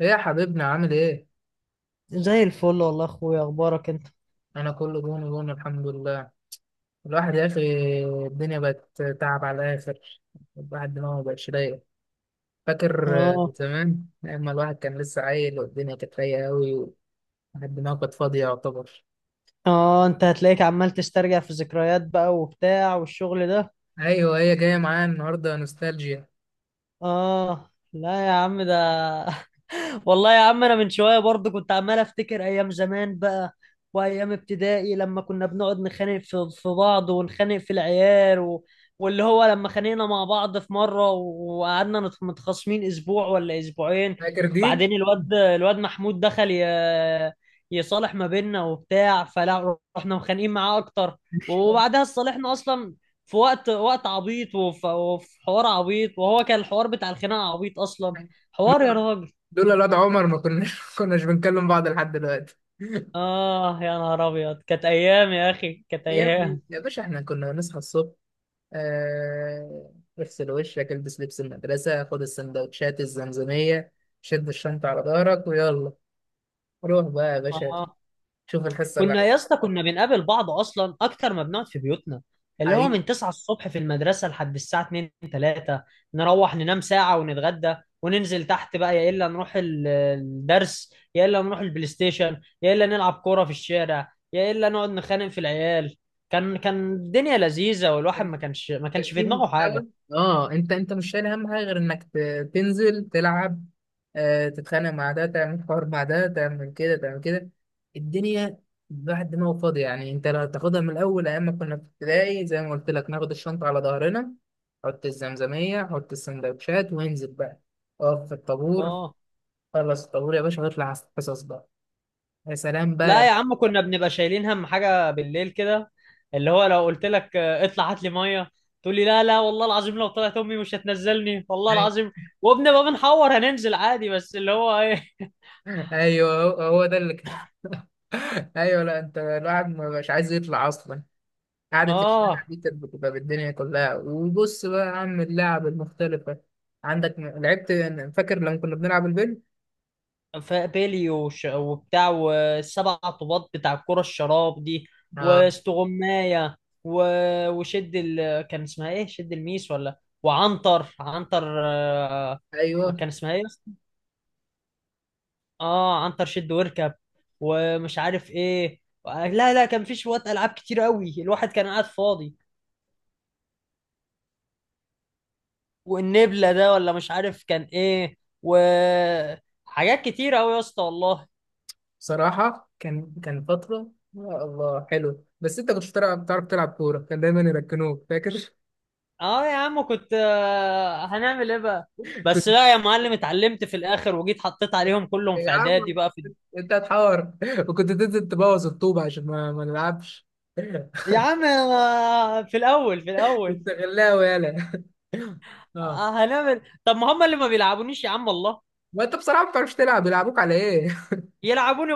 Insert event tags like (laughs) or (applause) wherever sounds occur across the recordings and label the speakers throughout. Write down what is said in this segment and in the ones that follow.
Speaker 1: ايه يا حبيبنا، عامل ايه؟
Speaker 2: زي الفل والله يا اخويا، اخبارك انت؟
Speaker 1: انا كله جون جون، الحمد لله. الواحد يا اخي، الدنيا بقت تعب على الاخر. الواحد دماغه مبقتش رايق. فاكر
Speaker 2: اه.
Speaker 1: زمان اما الواحد كان لسه عيل والدنيا كانت رايقه قوي. والواحد دماغه كانت فاضيه يعتبر.
Speaker 2: اه، انت هتلاقيك عمال تسترجع في ذكريات بقى وبتاع والشغل ده.
Speaker 1: ايوه، هي جايه معايا النهارده نوستالجيا.
Speaker 2: اه لا يا عم ده. والله يا عم انا من شويه برضه كنت عمال افتكر ايام زمان بقى، وايام ابتدائي لما كنا بنقعد نخانق في بعض ونخانق في العيال واللي هو لما خانقنا مع بعض في مره وقعدنا متخاصمين اسبوع ولا اسبوعين.
Speaker 1: فاكر دي.
Speaker 2: بعدين الواد محمود دخل يصالح ما بيننا وبتاع، فلا رحنا مخانقين معاه اكتر وبعدها صالحنا اصلا. في وقت عبيط وفي حوار عبيط، وهو كان الحوار بتاع الخناقه عبيط اصلا. حوار يا
Speaker 1: لولا
Speaker 2: راجل.
Speaker 1: لولا الواد عمر ما كناش (laughs) ما كناش بنكلم بعض لحد دلوقتي. (laughs)
Speaker 2: آه يا نهار أبيض، كانت أيام يا أخي كانت
Speaker 1: يا ابني
Speaker 2: أيام.
Speaker 1: يا باشا، احنا كنا بنصحى الصبح، آه، اغسل وشك، البس لبس المدرسة، خد السندوتشات، الزمزمية، شد الشنطة على ظهرك، ويلا روح بقى يا باشا.
Speaker 2: آه.
Speaker 1: شوف الحصة اللي
Speaker 2: كنا يا اسطى كنا بنقابل بعض أصلا أكتر ما بنقعد في بيوتنا، اللي هو
Speaker 1: حقيقي
Speaker 2: من 9 الصبح في المدرسة لحد الساعة 2 3، نروح ننام ساعة ونتغدى وننزل تحت بقى، يا إلا نروح الدرس يا إلا نروح البلاي ستيشن يا إلا نلعب كورة في الشارع يا إلا نقعد نخانق في العيال. كان الدنيا لذيذة، والواحد ما
Speaker 1: كان
Speaker 2: كانش ما كانش في
Speaker 1: في
Speaker 2: دماغه حاجة.
Speaker 1: محتوى. اه، انت مش شايل اهم حاجه غير انك تنزل تلعب. آه، تتخانق مع ده، تعمل حوار مع ده، تعمل كده تعمل كده. الدنيا بعد ما هو فاضي يعني. انت لو تاخدها من الاول، ايام ما كنا في ابتدائي زي ما قلت لك، ناخد الشنطه على ظهرنا، حط الزمزميه، حط السندوتشات، وانزل بقى. اقف في الطابور.
Speaker 2: آه.
Speaker 1: خلص الطابور يا باشا، واطلع على الحصص بقى. يا سلام
Speaker 2: لا يا
Speaker 1: بقى.
Speaker 2: عم كنا بنبقى شايلين هم حاجة بالليل كده، اللي هو لو قلت لك اطلع هات لي مية، تقول لي لا لا والله العظيم لو طلعت امي مش هتنزلني والله
Speaker 1: أي-
Speaker 2: العظيم. وبنبقى بنحور هننزل عادي، بس اللي هو ايه.
Speaker 1: ايوه، هو ده اللي كان. (laughs) ايوه، لا، انت الواحد ما مش عايز يطلع اصلا.
Speaker 2: (laughs)
Speaker 1: قعدة الشارع
Speaker 2: اه.
Speaker 1: دي كانت بتبقى بالدنيا كلها. وبص بقى يا عم، اللعب المختلفة عندك لعبت. فاكر لما كنا بنلعب البنج؟
Speaker 2: فبيلي وش وبتاع، والسبع طوبات بتاع الكرة الشراب دي،
Speaker 1: اه،
Speaker 2: واستغماية و... وشد كان اسمها ايه؟ شد الميس، ولا وعنتر عنتر،
Speaker 1: ايوه.
Speaker 2: كان اسمها ايه؟ اه، عنتر شد واركب، ومش عارف ايه. لا لا، كان في شوية العاب كتير قوي، الواحد كان قاعد فاضي. والنبلة ده ولا مش عارف كان ايه، وحاجات كتير قوي يا اسطى والله.
Speaker 1: بصراحة كان فترة، يا الله حلو. بس انت كنتش بتلعب، بتعرف تلعب كورة، كان دايما يركنوك. فاكر؟
Speaker 2: اه يا عم كنت، هنعمل ايه بقى.
Speaker 1: (laughs)
Speaker 2: بس
Speaker 1: كنت
Speaker 2: لا يا معلم، اتعلمت في الاخر وجيت حطيت عليهم كلهم في
Speaker 1: يا
Speaker 2: اعدادي
Speaker 1: عم،
Speaker 2: بقى في.
Speaker 1: انت هتحور. وكنت تنزل تبوظ الطوبة عشان ما نلعبش. (laughs)
Speaker 2: يا عم أنا في الاول في الاول،
Speaker 1: كنت غلاوي يالا. (laughs) اه،
Speaker 2: هنعمل إيه؟ طب ما هم اللي ما بيلعبونيش يا عم والله.
Speaker 1: ما انت بصراحة ما بتعرفش تلعب، بيلعبوك على ايه؟
Speaker 2: يلعبوني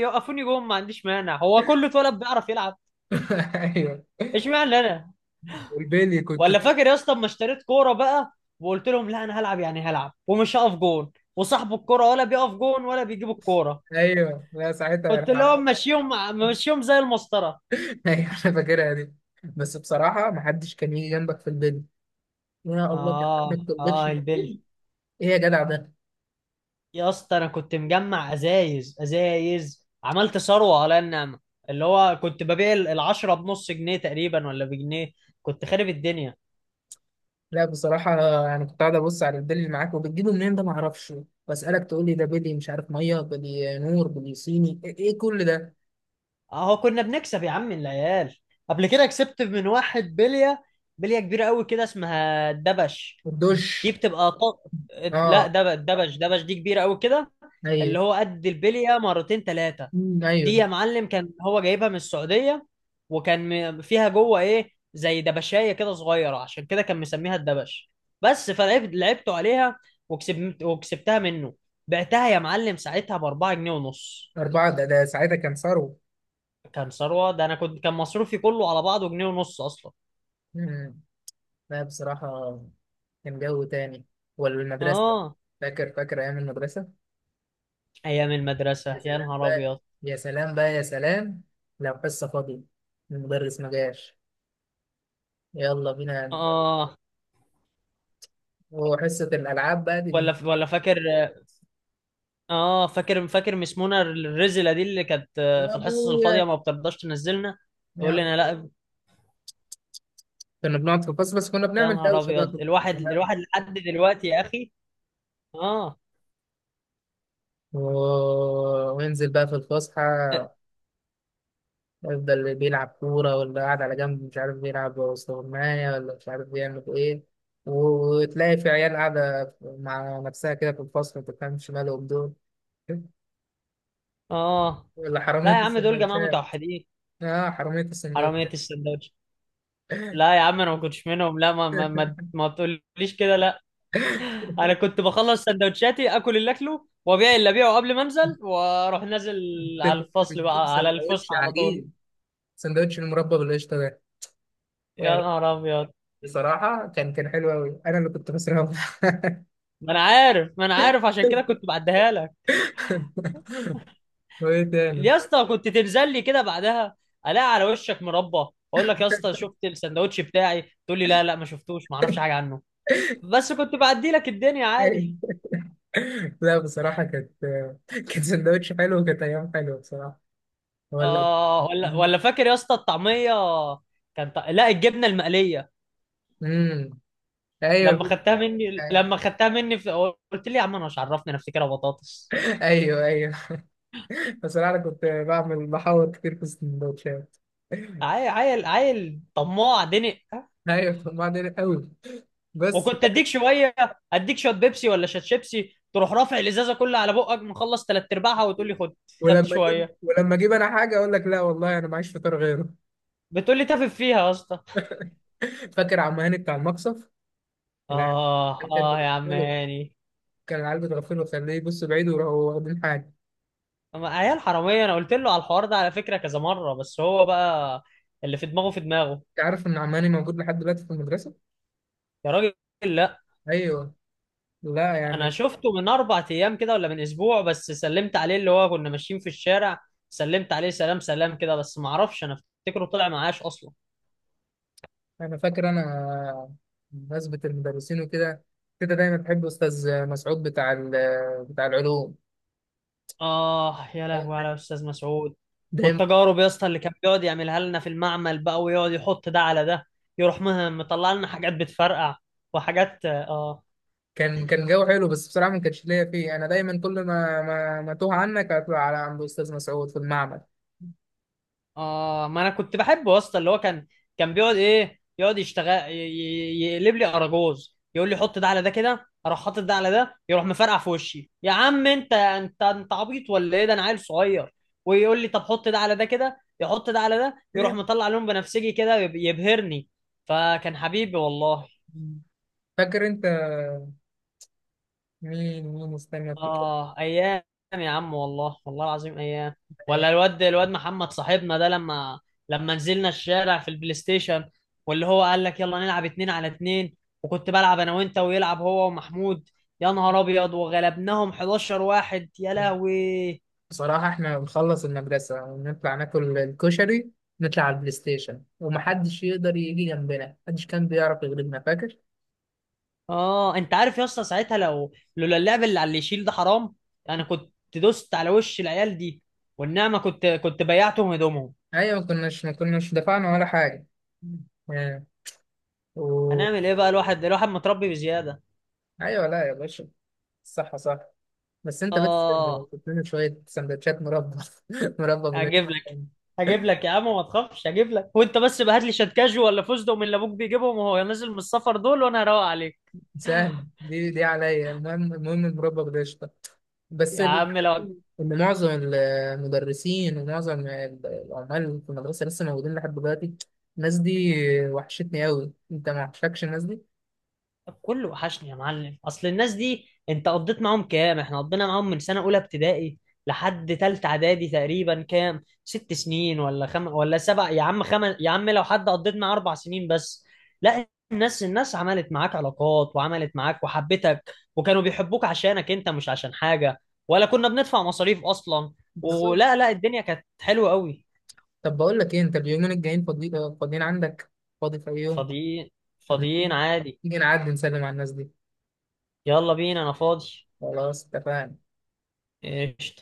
Speaker 2: يوقفوني جوه، ما عنديش مانع، هو كله اتولد بيعرف يلعب؟
Speaker 1: (laughs) ايوه.
Speaker 2: اشمعنى انا.
Speaker 1: والبيلي كنت.
Speaker 2: ولا فاكر يا اسطى اما اشتريت كوره بقى، وقلت لهم لا انا هلعب يعني هلعب ومش هقف جون، وصاحب الكوره ولا بيقف جون ولا بيجيب الكوره؟
Speaker 1: ايوه، لا، ساعتها
Speaker 2: قلت
Speaker 1: يرحم.
Speaker 2: لهم ماشيهم، ماشيهم زي المسطره.
Speaker 1: (laughs) ايوه، انا فاكرها دي. بس بصراحه، ما حدش كان يجي جنبك في البيل. يا الله، كان
Speaker 2: اه.
Speaker 1: حدك تقبلش
Speaker 2: اه البل.
Speaker 1: البيل. ايه يا جدع ده؟
Speaker 2: يا اسطى انا كنت مجمع ازايز عملت ثروه على النعمه، اللي هو كنت ببيع العشرة بنص جنيه تقريبا ولا بجنيه، كنت خارب الدنيا.
Speaker 1: لا بصراحه، يعني كنت قاعد ابص على البيل اللي معاك وبتجيبه منين ده، ما اعرفش. واسالك تقول لي ده بيلي، مش عارف ميه، بيلي نور، بيلي صيني، ايه إيه كل ده؟
Speaker 2: اهو كنا بنكسب يا عم العيال. قبل كده كسبت من واحد بليه، بليه كبيره قوي كده اسمها الدبش. دي
Speaker 1: والدش.
Speaker 2: بتبقى لا،
Speaker 1: اه،
Speaker 2: دبش دي كبيره قوي كده، اللي
Speaker 1: ايوه.
Speaker 2: هو قد البليه مرتين ثلاثه.
Speaker 1: أمم،
Speaker 2: دي يا
Speaker 1: ايوه.
Speaker 2: معلم كان هو جايبها من السعوديه، وكان فيها جوه ايه زي دبشايه كده صغيره، عشان كده كان مسميها الدبش. بس فلعبت لعبته عليها، وكسبت وكسبتها منه. بعتها يا معلم ساعتها ب 4 جنيه ونص.
Speaker 1: اربعه ده ساعتها كان ثروه.
Speaker 2: كان ثروه ده، انا كنت كان مصروفي كله على بعضه جنيه ونص اصلا.
Speaker 1: أمم. لا بصراحه، كان جو تاني. والمدرسه،
Speaker 2: اه.
Speaker 1: فاكر ايام المدرسه.
Speaker 2: ايام
Speaker 1: يا
Speaker 2: المدرسه يا
Speaker 1: سلام
Speaker 2: نهار
Speaker 1: بقى،
Speaker 2: ابيض.
Speaker 1: يا سلام بقى، يا سلام. لو حصة فاضية، المدرس ما جاش، يلا بينا.
Speaker 2: اه.
Speaker 1: وحصة الألعاب بقى دي اللي...
Speaker 2: ولا ولا فاكر. اه، فاكر فاكر مس منى الرزله دي اللي كانت،
Speaker 1: يا
Speaker 2: في الحصص الفاضيه
Speaker 1: أبويا.
Speaker 2: ما بترضاش تنزلنا، تقول
Speaker 1: يا.
Speaker 2: لنا لا.
Speaker 1: كنا بنقعد في الفصل، بس كنا
Speaker 2: يا
Speaker 1: بنعمل
Speaker 2: نهار
Speaker 1: دوشة بقى.
Speaker 2: ابيض، الواحد
Speaker 1: كلنا.
Speaker 2: الواحد لحد دلوقتي يا اخي. اه.
Speaker 1: و... وينزل بقى في الفسحة. يفضل اللي بيلعب كورة، واللي قاعد على جنب مش عارف بيلعب استغماية، ولا مش عارف بيعمل إيه. وتلاقي في عيال قاعدة مع نفسها كده في الفصل، ما تفهمش مالهم دول.
Speaker 2: اه
Speaker 1: ولا حرامية
Speaker 2: لا يا عم، دول جماعه
Speaker 1: السندوتشات.
Speaker 2: متوحدين.
Speaker 1: اه، حرامية السندوتش.
Speaker 2: حراميه السندوتش. لا يا
Speaker 1: (laughs)
Speaker 2: عم انا ما كنتش منهم، لا ما تقوليش كده لا. انا كنت بخلص سندوتشاتي، اكل اللي اكله وابيع اللي ابيعه قبل ما انزل، واروح نازل
Speaker 1: انت
Speaker 2: على
Speaker 1: كنت
Speaker 2: الفصل
Speaker 1: بتجيب
Speaker 2: بقى، على
Speaker 1: سندوتش
Speaker 2: الفسحه على طول.
Speaker 1: عجيب، سندوتش المربى بالقشطة ده.
Speaker 2: يا
Speaker 1: يعني
Speaker 2: نهار ابيض.
Speaker 1: بصراحة كان حلو أوي، أنا اللي كنت خسران. (laughs)
Speaker 2: ما انا عارف، ما انا عارف عشان كده كنت بعديها لك.
Speaker 1: وإيه تاني؟
Speaker 2: يا اسطى كنت تنزل لي كده بعدها الاقي على وشك مربى. اقول لك يا اسطى، شفت السندوتش بتاعي؟ تقول لي لا لا ما شفتوش ما اعرفش حاجه عنه. بس كنت بعدي لك الدنيا عادي.
Speaker 1: (laughs) لا بصراحة كانت، كان سندوتش حلو، وكانت أيام حلوة بصراحة. ولا.
Speaker 2: اه، ولا ولا فاكر يا اسطى الطعميه؟ كان لا الجبنه المقليه،
Speaker 1: امم،
Speaker 2: لما
Speaker 1: أيوه
Speaker 2: خدتها مني، قلت لي يا عم انا مش عرفني، انا افتكرها بطاطس.
Speaker 1: أيوه أيوه. (laughs) بصراحة أنا كنت بعمل، بحاول كتير في السندوتشات.
Speaker 2: عيل عيل عيل طماع دنق.
Speaker 1: أيوه، كنت بعمل قوي بس.
Speaker 2: وكنت اديك شويه، اديك شويه بيبسي ولا شات شيبسي، تروح رافع الازازه كلها على بقك، مخلص ثلاث ارباعها وتقول لي خد. خدت
Speaker 1: ولما اجيب
Speaker 2: شويه،
Speaker 1: ولما اجيب انا حاجه اقول لك لا والله انا معيش فطار غيره.
Speaker 2: بتقولي تافه فيها يا اسطى.
Speaker 1: (laughs) فاكر عم هاني بتاع المقصف؟ العيال
Speaker 2: اه.
Speaker 1: كانت
Speaker 2: اه يا عم
Speaker 1: بتغفله.
Speaker 2: هاني.
Speaker 1: كان العيال بتغفله، خليه يبص بعيد، وراحوا واخدين حاجه.
Speaker 2: أما عيال حراميه، انا قلت له على الحوار ده على فكره كذا مره، بس هو بقى اللي في دماغه في دماغه.
Speaker 1: انت عارف ان عم هاني موجود لحد دلوقتي في المدرسه؟
Speaker 2: يا راجل لا.
Speaker 1: ايوه. لا
Speaker 2: انا
Speaker 1: يعني،
Speaker 2: شفته من 4 ايام كده ولا من اسبوع، بس سلمت عليه، اللي هو كنا ماشيين في الشارع، سلمت عليه سلام سلام كده، بس ما اعرفش انا، افتكره طلع معاش اصلا.
Speaker 1: انا فاكر انا، بمناسبه المدرسين وكده، كده دايما بحب استاذ مسعود بتاع بتاع العلوم.
Speaker 2: اه يا لهوي على استاذ مسعود.
Speaker 1: دايما
Speaker 2: والتجارب يا اسطى اللي كان بيقعد يعملها لنا في المعمل بقى، ويقعد يحط ده على ده، يروح مطلع لنا حاجات بتفرقع، وحاجات اه.
Speaker 1: كان جو حلو، بس بصراحه ما كانش ليا فيه، انا دايما كل ما ما, ما توه عنك هطلع على عند استاذ مسعود في المعمل.
Speaker 2: اه، ما انا كنت بحبه يا اسطى، اللي هو كان بيقعد ايه، يقعد يشتغل يقلب لي اراجوز، يقول لي حط ده على ده كده، اروح حاطط ده على ده، يروح مفرقع في وشي. يا عم انت، انت عبيط ولا ايه ده، انا عيل صغير. ويقول لي طب حط ده على ده كده، يحط ده على ده يروح مطلع لون بنفسجي كده، يبهرني. فكان حبيبي والله.
Speaker 1: (laughs) فاكر انت، مين استنى افتكر.
Speaker 2: اه ايام. يا عم والله، والله العظيم ايام.
Speaker 1: الأيام
Speaker 2: ولا الواد محمد صاحبنا ده، لما نزلنا الشارع في البلاي ستيشن، واللي هو قال لك يلا نلعب اتنين على اتنين، وكنت بلعب انا وانت ويلعب هو ومحمود. يا نهار ابيض وغلبناهم 11 واحد يا
Speaker 1: دي.
Speaker 2: لهوي.
Speaker 1: بصراحة احنا بنخلص المدرسة ونطلع ناكل الكشري، نطلع على البلاي ستيشن، ومحدش يقدر يجي جنبنا، محدش كان بيعرف يغلبنا. فاكر؟
Speaker 2: اه انت عارف يا اسطى ساعتها، لو لولا اللعب اللي على اللي يشيل ده حرام، انا كنت دوست على وش العيال دي والنعمه، كنت بيعتهم هدومهم.
Speaker 1: ايوه، ما كناش دفعنا ولا حاجة. آه. و...
Speaker 2: هنعمل ايه بقى، الواحد الواحد متربي بزياده.
Speaker 1: ايوه، لا يا باشا، صح صح. بس انت بس،
Speaker 2: اه.
Speaker 1: كنت لنا شوية سندوتشات مربى. (laughs) مربى
Speaker 2: هجيب لك
Speaker 1: بجد.
Speaker 2: هجيب لك يا عم ما تخافش، هجيب لك وانت بس بقى هات لي شات كاجو ولا فوزدو من اللي ابوك بيجيبهم وهو نازل من السفر دول، وانا هروق عليك.
Speaker 1: سهل، دي عليا، المهم المربى بالقشطة. بس
Speaker 2: يا عم لو.
Speaker 1: إن معظم المدرسين ومعظم العمال في المدرسة لسه موجودين لحد دلوقتي. الناس دي وحشتني أوي. أنت ما وحشكش الناس دي؟
Speaker 2: كله وحشني يا معلم، اصل الناس دي انت قضيت معاهم كام، احنا قضينا معاهم من سنه اولى ابتدائي لحد تالتة اعدادي تقريبا، كام 6 سنين ولا ولا سبع؟ يا عم يا عم لو حد قضيت معاه 4 سنين بس. لا الناس عملت معاك علاقات، وعملت معاك وحبتك، وكانوا بيحبوك عشانك انت مش عشان حاجه، ولا كنا بندفع مصاريف اصلا.
Speaker 1: بالظبط.
Speaker 2: ولا لا الدنيا كانت حلوه قوي.
Speaker 1: طب بقول لك إيه، أنت اليومين الجايين فاضيين عندك؟ فاضي في أي يوم؟
Speaker 2: فاضيين.
Speaker 1: طب
Speaker 2: فاضيين عادي.
Speaker 1: نيجي نعدي نسلم على الناس دي.
Speaker 2: يلا بينا انا فاضي.
Speaker 1: خلاص اتفقنا.
Speaker 2: ايش